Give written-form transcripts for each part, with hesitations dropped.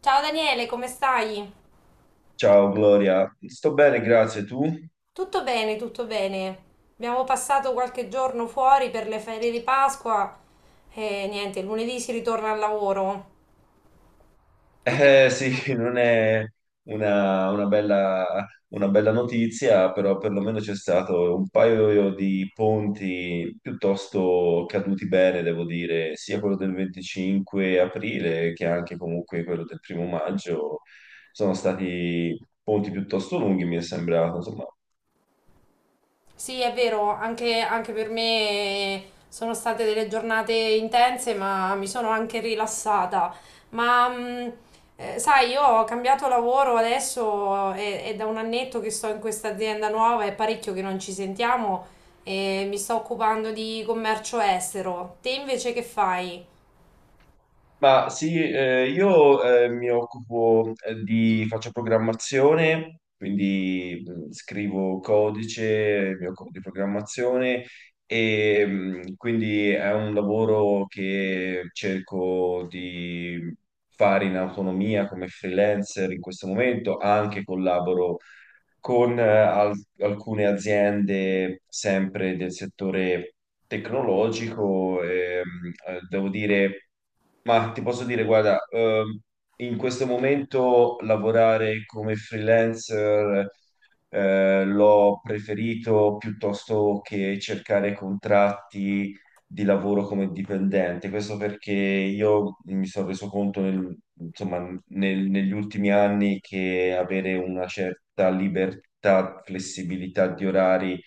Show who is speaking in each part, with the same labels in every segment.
Speaker 1: Ciao Daniele, come stai?
Speaker 2: Ciao Gloria, sto bene, grazie. Tu?
Speaker 1: Tutto bene, tutto bene. Abbiamo passato qualche giorno fuori per le ferie di Pasqua e niente, lunedì si ritorna al lavoro. Tu che
Speaker 2: Eh
Speaker 1: fai?
Speaker 2: sì, non è una bella notizia, però perlomeno c'è stato un paio di ponti piuttosto caduti bene, devo dire, sia quello del 25 aprile che anche comunque quello del primo maggio. Sono stati ponti piuttosto lunghi, mi è sembrato, insomma.
Speaker 1: Sì, è vero, anche per me sono state delle giornate intense, ma mi sono anche rilassata. Ma sai, io ho cambiato lavoro adesso, è da un annetto che sto in questa azienda nuova, è parecchio che non ci sentiamo e mi sto occupando di commercio estero. Te invece che fai?
Speaker 2: Ma sì, io mi occupo faccio programmazione, quindi scrivo codice, mi occupo di programmazione e quindi è un lavoro che cerco di fare in autonomia come freelancer in questo momento, anche collaboro con alcune aziende sempre del settore tecnologico. Devo dire, ma ti posso dire, guarda, in questo momento lavorare come freelancer l'ho preferito piuttosto che cercare contratti di lavoro come dipendente. Questo perché io mi sono reso conto insomma, negli ultimi anni che avere una certa libertà, flessibilità di orari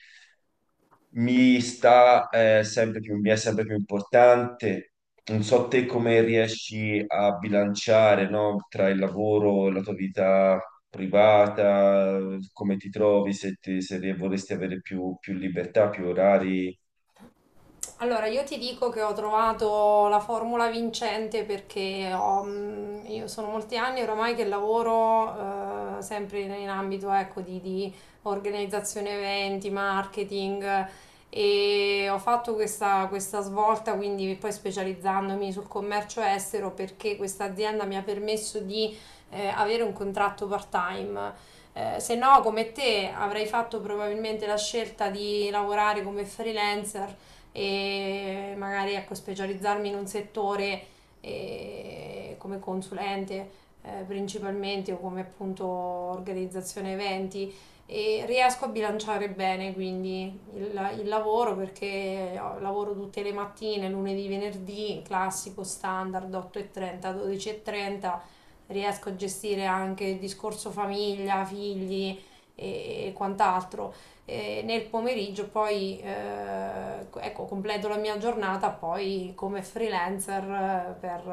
Speaker 2: mi sta sempre più, mi è sempre più importante. Non so te come riesci a bilanciare, no, tra il lavoro e la tua vita privata, come ti trovi, se vorresti avere più libertà, più orari.
Speaker 1: Allora, io ti dico che ho trovato la formula vincente perché io sono molti anni oramai che lavoro sempre in ambito ecco, di organizzazione eventi, marketing e ho fatto questa svolta, quindi poi specializzandomi sul commercio estero perché questa azienda mi ha permesso di avere un contratto part-time. Se no, come te, avrei fatto probabilmente la scelta di lavorare come freelancer e magari ecco, specializzarmi in un settore come consulente principalmente o come appunto organizzazione eventi e riesco a bilanciare bene quindi il lavoro perché lavoro tutte le mattine, lunedì, venerdì, classico, standard 8.30, 12.30, riesco a gestire anche il discorso famiglia, figli e quant'altro e nel pomeriggio poi ecco, completo la mia giornata poi come freelancer per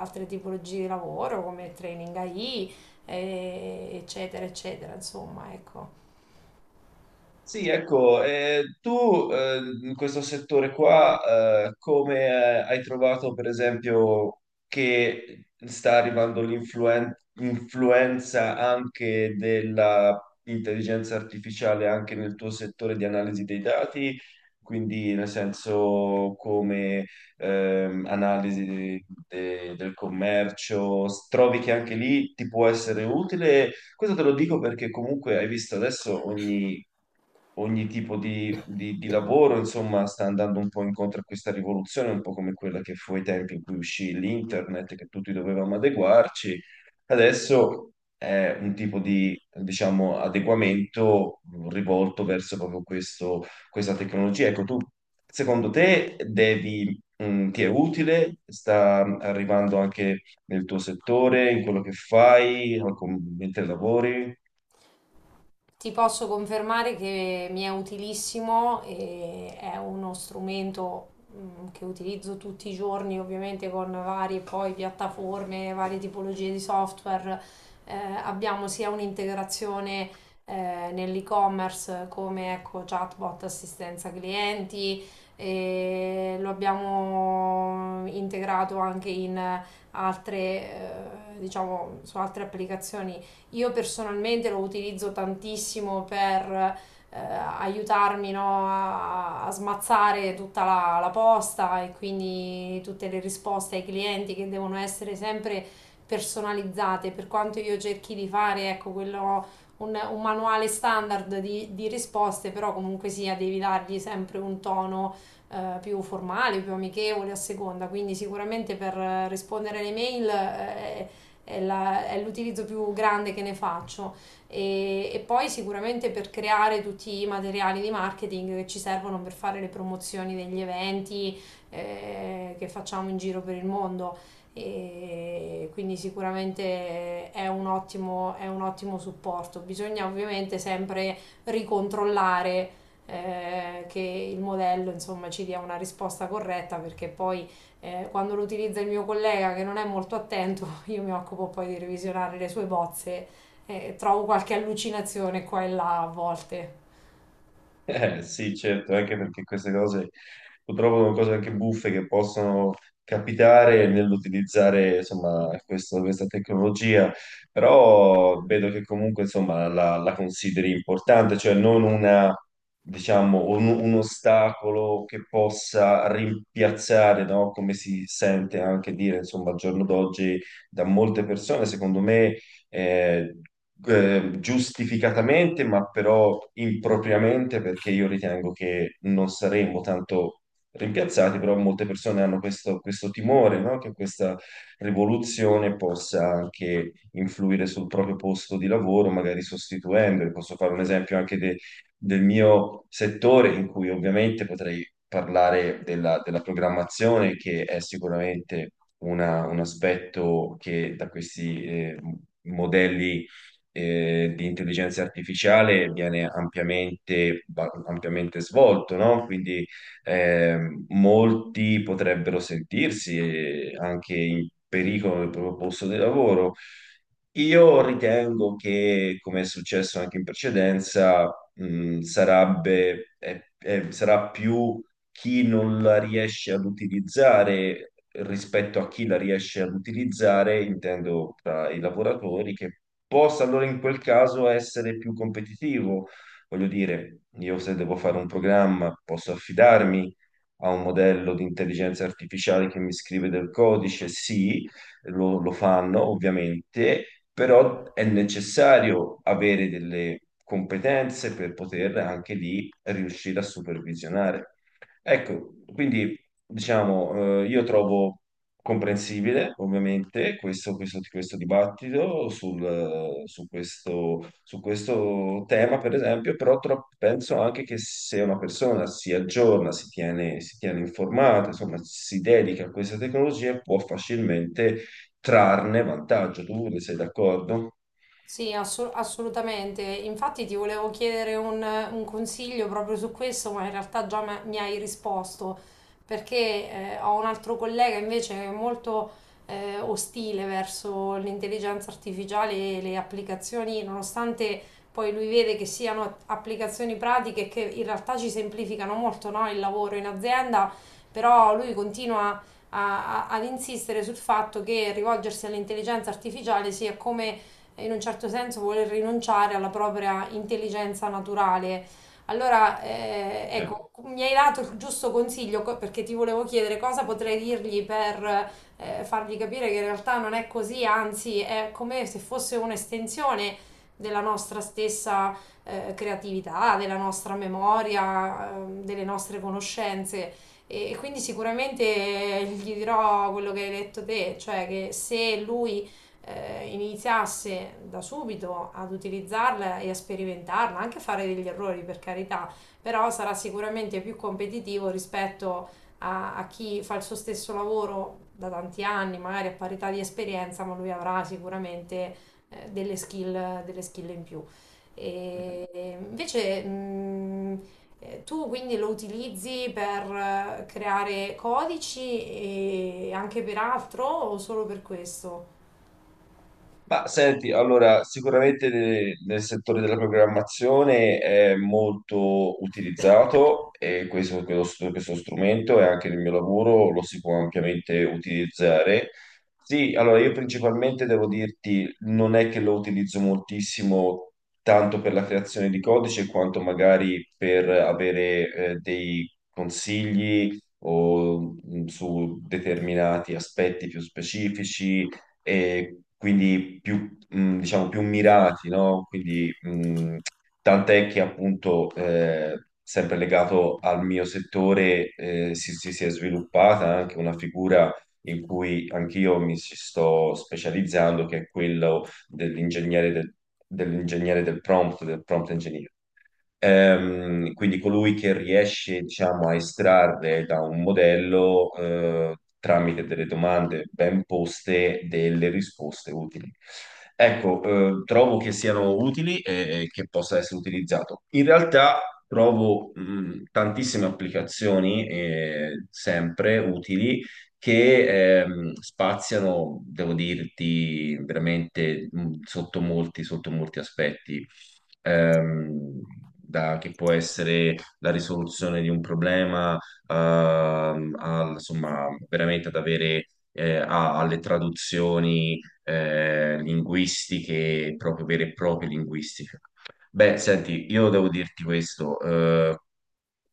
Speaker 1: altre tipologie di lavoro come training AI eccetera eccetera insomma ecco.
Speaker 2: Sì, ecco, tu in questo settore qua, come hai trovato per esempio che sta arrivando l'influenza anche dell'intelligenza artificiale anche nel tuo settore di analisi dei dati? Quindi nel senso come analisi del commercio, trovi che anche lì ti può essere utile questo te lo dico perché comunque hai visto adesso ogni tipo di lavoro, insomma, sta andando un po' incontro a questa rivoluzione, un po' come quella che fu ai tempi in cui uscì l'internet, che tutti dovevamo adeguarci. Adesso è un tipo di, diciamo, adeguamento rivolto verso proprio questo, questa tecnologia. Ecco, tu, secondo te, devi, ti è utile? Sta arrivando anche nel tuo settore, in quello che fai, o mentre lavori.
Speaker 1: Ti posso confermare che mi è utilissimo e è uno strumento che utilizzo tutti i giorni, ovviamente con varie poi piattaforme, varie tipologie di software. Eh, Abbiamo sia un'integrazione nell'e-commerce come ecco, chatbot, assistenza clienti, e lo abbiamo integrato anche in altre, diciamo, su altre applicazioni. Io personalmente lo utilizzo tantissimo per aiutarmi, no, a smazzare tutta la posta e quindi tutte le risposte ai clienti che devono essere sempre personalizzate, per quanto io cerchi di fare, ecco, quello, un manuale standard di risposte, però comunque sia devi dargli sempre un tono più formale, più amichevole a seconda, quindi sicuramente per rispondere alle mail è l'utilizzo più grande che ne faccio. E poi sicuramente per creare tutti i materiali di marketing che ci servono per fare le promozioni degli eventi che facciamo in giro per il mondo. E quindi sicuramente è un ottimo supporto. Bisogna ovviamente sempre ricontrollare che il modello insomma ci dia una risposta corretta perché poi quando lo utilizza il mio collega che non è molto attento, io mi occupo poi di revisionare le sue bozze e trovo qualche allucinazione qua e là a volte.
Speaker 2: Sì, certo, anche perché queste cose purtroppo sono cose anche buffe che possono capitare nell'utilizzare insomma, questa tecnologia, però vedo che comunque insomma, la consideri importante, cioè non una, diciamo, un ostacolo che possa rimpiazzare, no? Come si sente anche dire insomma, al giorno d'oggi da molte persone, secondo me. Eh, Giustificatamente, ma però impropriamente, perché io ritengo che non saremmo tanto rimpiazzati, però molte persone hanno questo timore, no? Che questa rivoluzione possa anche influire sul proprio posto di lavoro, magari sostituendoli. Posso fare un esempio anche del mio settore, in cui ovviamente potrei parlare della programmazione, che è sicuramente un aspetto che da questi... modelli di intelligenza artificiale viene ampiamente svolto, no? Quindi molti potrebbero sentirsi anche in pericolo nel proprio posto di lavoro. Io ritengo che, come è successo anche in precedenza, sarebbe, sarà più chi non la riesce ad utilizzare rispetto a chi la riesce ad utilizzare, intendo tra i lavoratori, che possa allora in quel caso essere più competitivo. Voglio dire, io se devo fare un programma posso affidarmi a un modello di intelligenza artificiale che mi scrive del codice, sì, lo fanno ovviamente, però è necessario avere delle competenze per poter anche lì riuscire a supervisionare. Ecco, quindi diciamo, io trovo comprensibile ovviamente questo dibattito su questo tema, per esempio, però penso anche che se una persona si aggiorna, si tiene informata, insomma, si dedica a questa tecnologia, può facilmente trarne vantaggio. Tu ne sei d'accordo?
Speaker 1: Sì, assolutamente. Infatti ti volevo chiedere un consiglio proprio su questo, ma in realtà già mi hai risposto, perché ho un altro collega invece che è molto ostile verso l'intelligenza artificiale e le applicazioni, nonostante poi lui vede che siano applicazioni pratiche che in realtà ci semplificano molto, no, il lavoro in azienda, però lui continua ad insistere sul fatto che rivolgersi all'intelligenza artificiale sia come in un certo senso vuole rinunciare alla propria intelligenza naturale. Allora,
Speaker 2: Eh.
Speaker 1: ecco, mi hai dato il giusto consiglio perché ti volevo chiedere cosa potrei dirgli per fargli capire che in realtà non è così, anzi è come se fosse un'estensione della nostra stessa creatività, della nostra memoria, delle nostre conoscenze. E quindi sicuramente gli dirò quello che hai detto te, cioè che se lui iniziasse da subito ad utilizzarla e a sperimentarla, anche a fare degli errori per carità, però sarà sicuramente più competitivo rispetto a chi fa il suo stesso lavoro da tanti anni, magari a parità di esperienza, ma lui avrà sicuramente delle skill in più. E invece, tu quindi lo utilizzi per creare codici e anche per altro o solo per questo?
Speaker 2: Ma senti, allora, sicuramente nel settore della programmazione è molto utilizzato e questo strumento e anche nel mio lavoro lo si può ampiamente utilizzare. Sì, allora io principalmente devo dirti, non è che lo utilizzo moltissimo tanto per la creazione di codice quanto magari per avere dei consigli o, su determinati aspetti più specifici e quindi più, diciamo, più mirati, no? Quindi, tant'è che appunto, sempre legato al mio settore, si è sviluppata anche una figura in cui anch'io mi ci sto specializzando, che è quello dell'ingegnere del prompt engineer. Quindi colui che riesce, diciamo, a estrarre da un modello, tramite delle domande ben poste, delle risposte utili. Ecco, trovo che siano utili e che possa essere utilizzato. In realtà trovo, tantissime applicazioni, sempre utili che spaziano, devo dirti, veramente sotto molti aspetti ehm, che può essere la risoluzione di un problema, insomma, veramente ad avere alle traduzioni linguistiche, proprio vere e proprie linguistiche. Beh, senti, io devo dirti questo,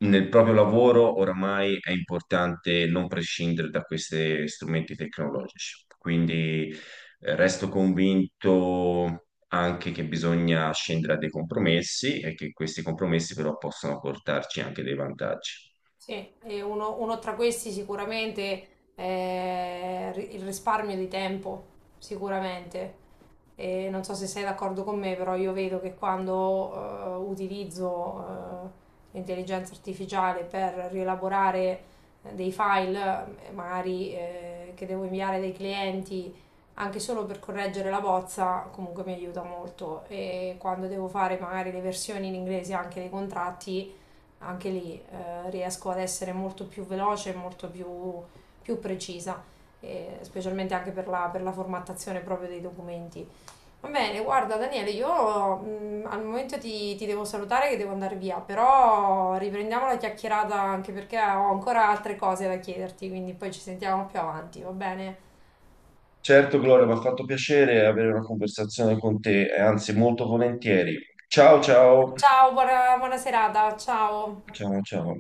Speaker 2: nel proprio lavoro oramai è importante non prescindere da questi strumenti tecnologici, quindi resto convinto anche che bisogna scendere a dei compromessi e che questi compromessi però possono portarci anche dei vantaggi.
Speaker 1: Sì, e uno tra questi sicuramente è il risparmio di tempo, sicuramente. E non so se sei d'accordo con me, però io vedo che quando utilizzo eh, l'intelligenza artificiale per rielaborare dei file, magari che devo inviare dai clienti, anche solo per correggere la bozza, comunque mi aiuta molto. E quando devo fare magari le versioni in inglese anche dei contratti, anche lì riesco ad essere molto più veloce, molto più precisa, specialmente anche per la formattazione proprio dei documenti. Va bene, guarda Daniele, io al momento ti devo salutare che devo andare via, però riprendiamo la chiacchierata anche perché ho ancora altre cose da chiederti, quindi poi ci sentiamo più avanti, va bene?
Speaker 2: Certo, Gloria, mi ha fatto piacere avere una conversazione con te, e anzi molto volentieri. Ciao, ciao.
Speaker 1: Ciao, buona, buona serata, ciao!
Speaker 2: Ciao, ciao.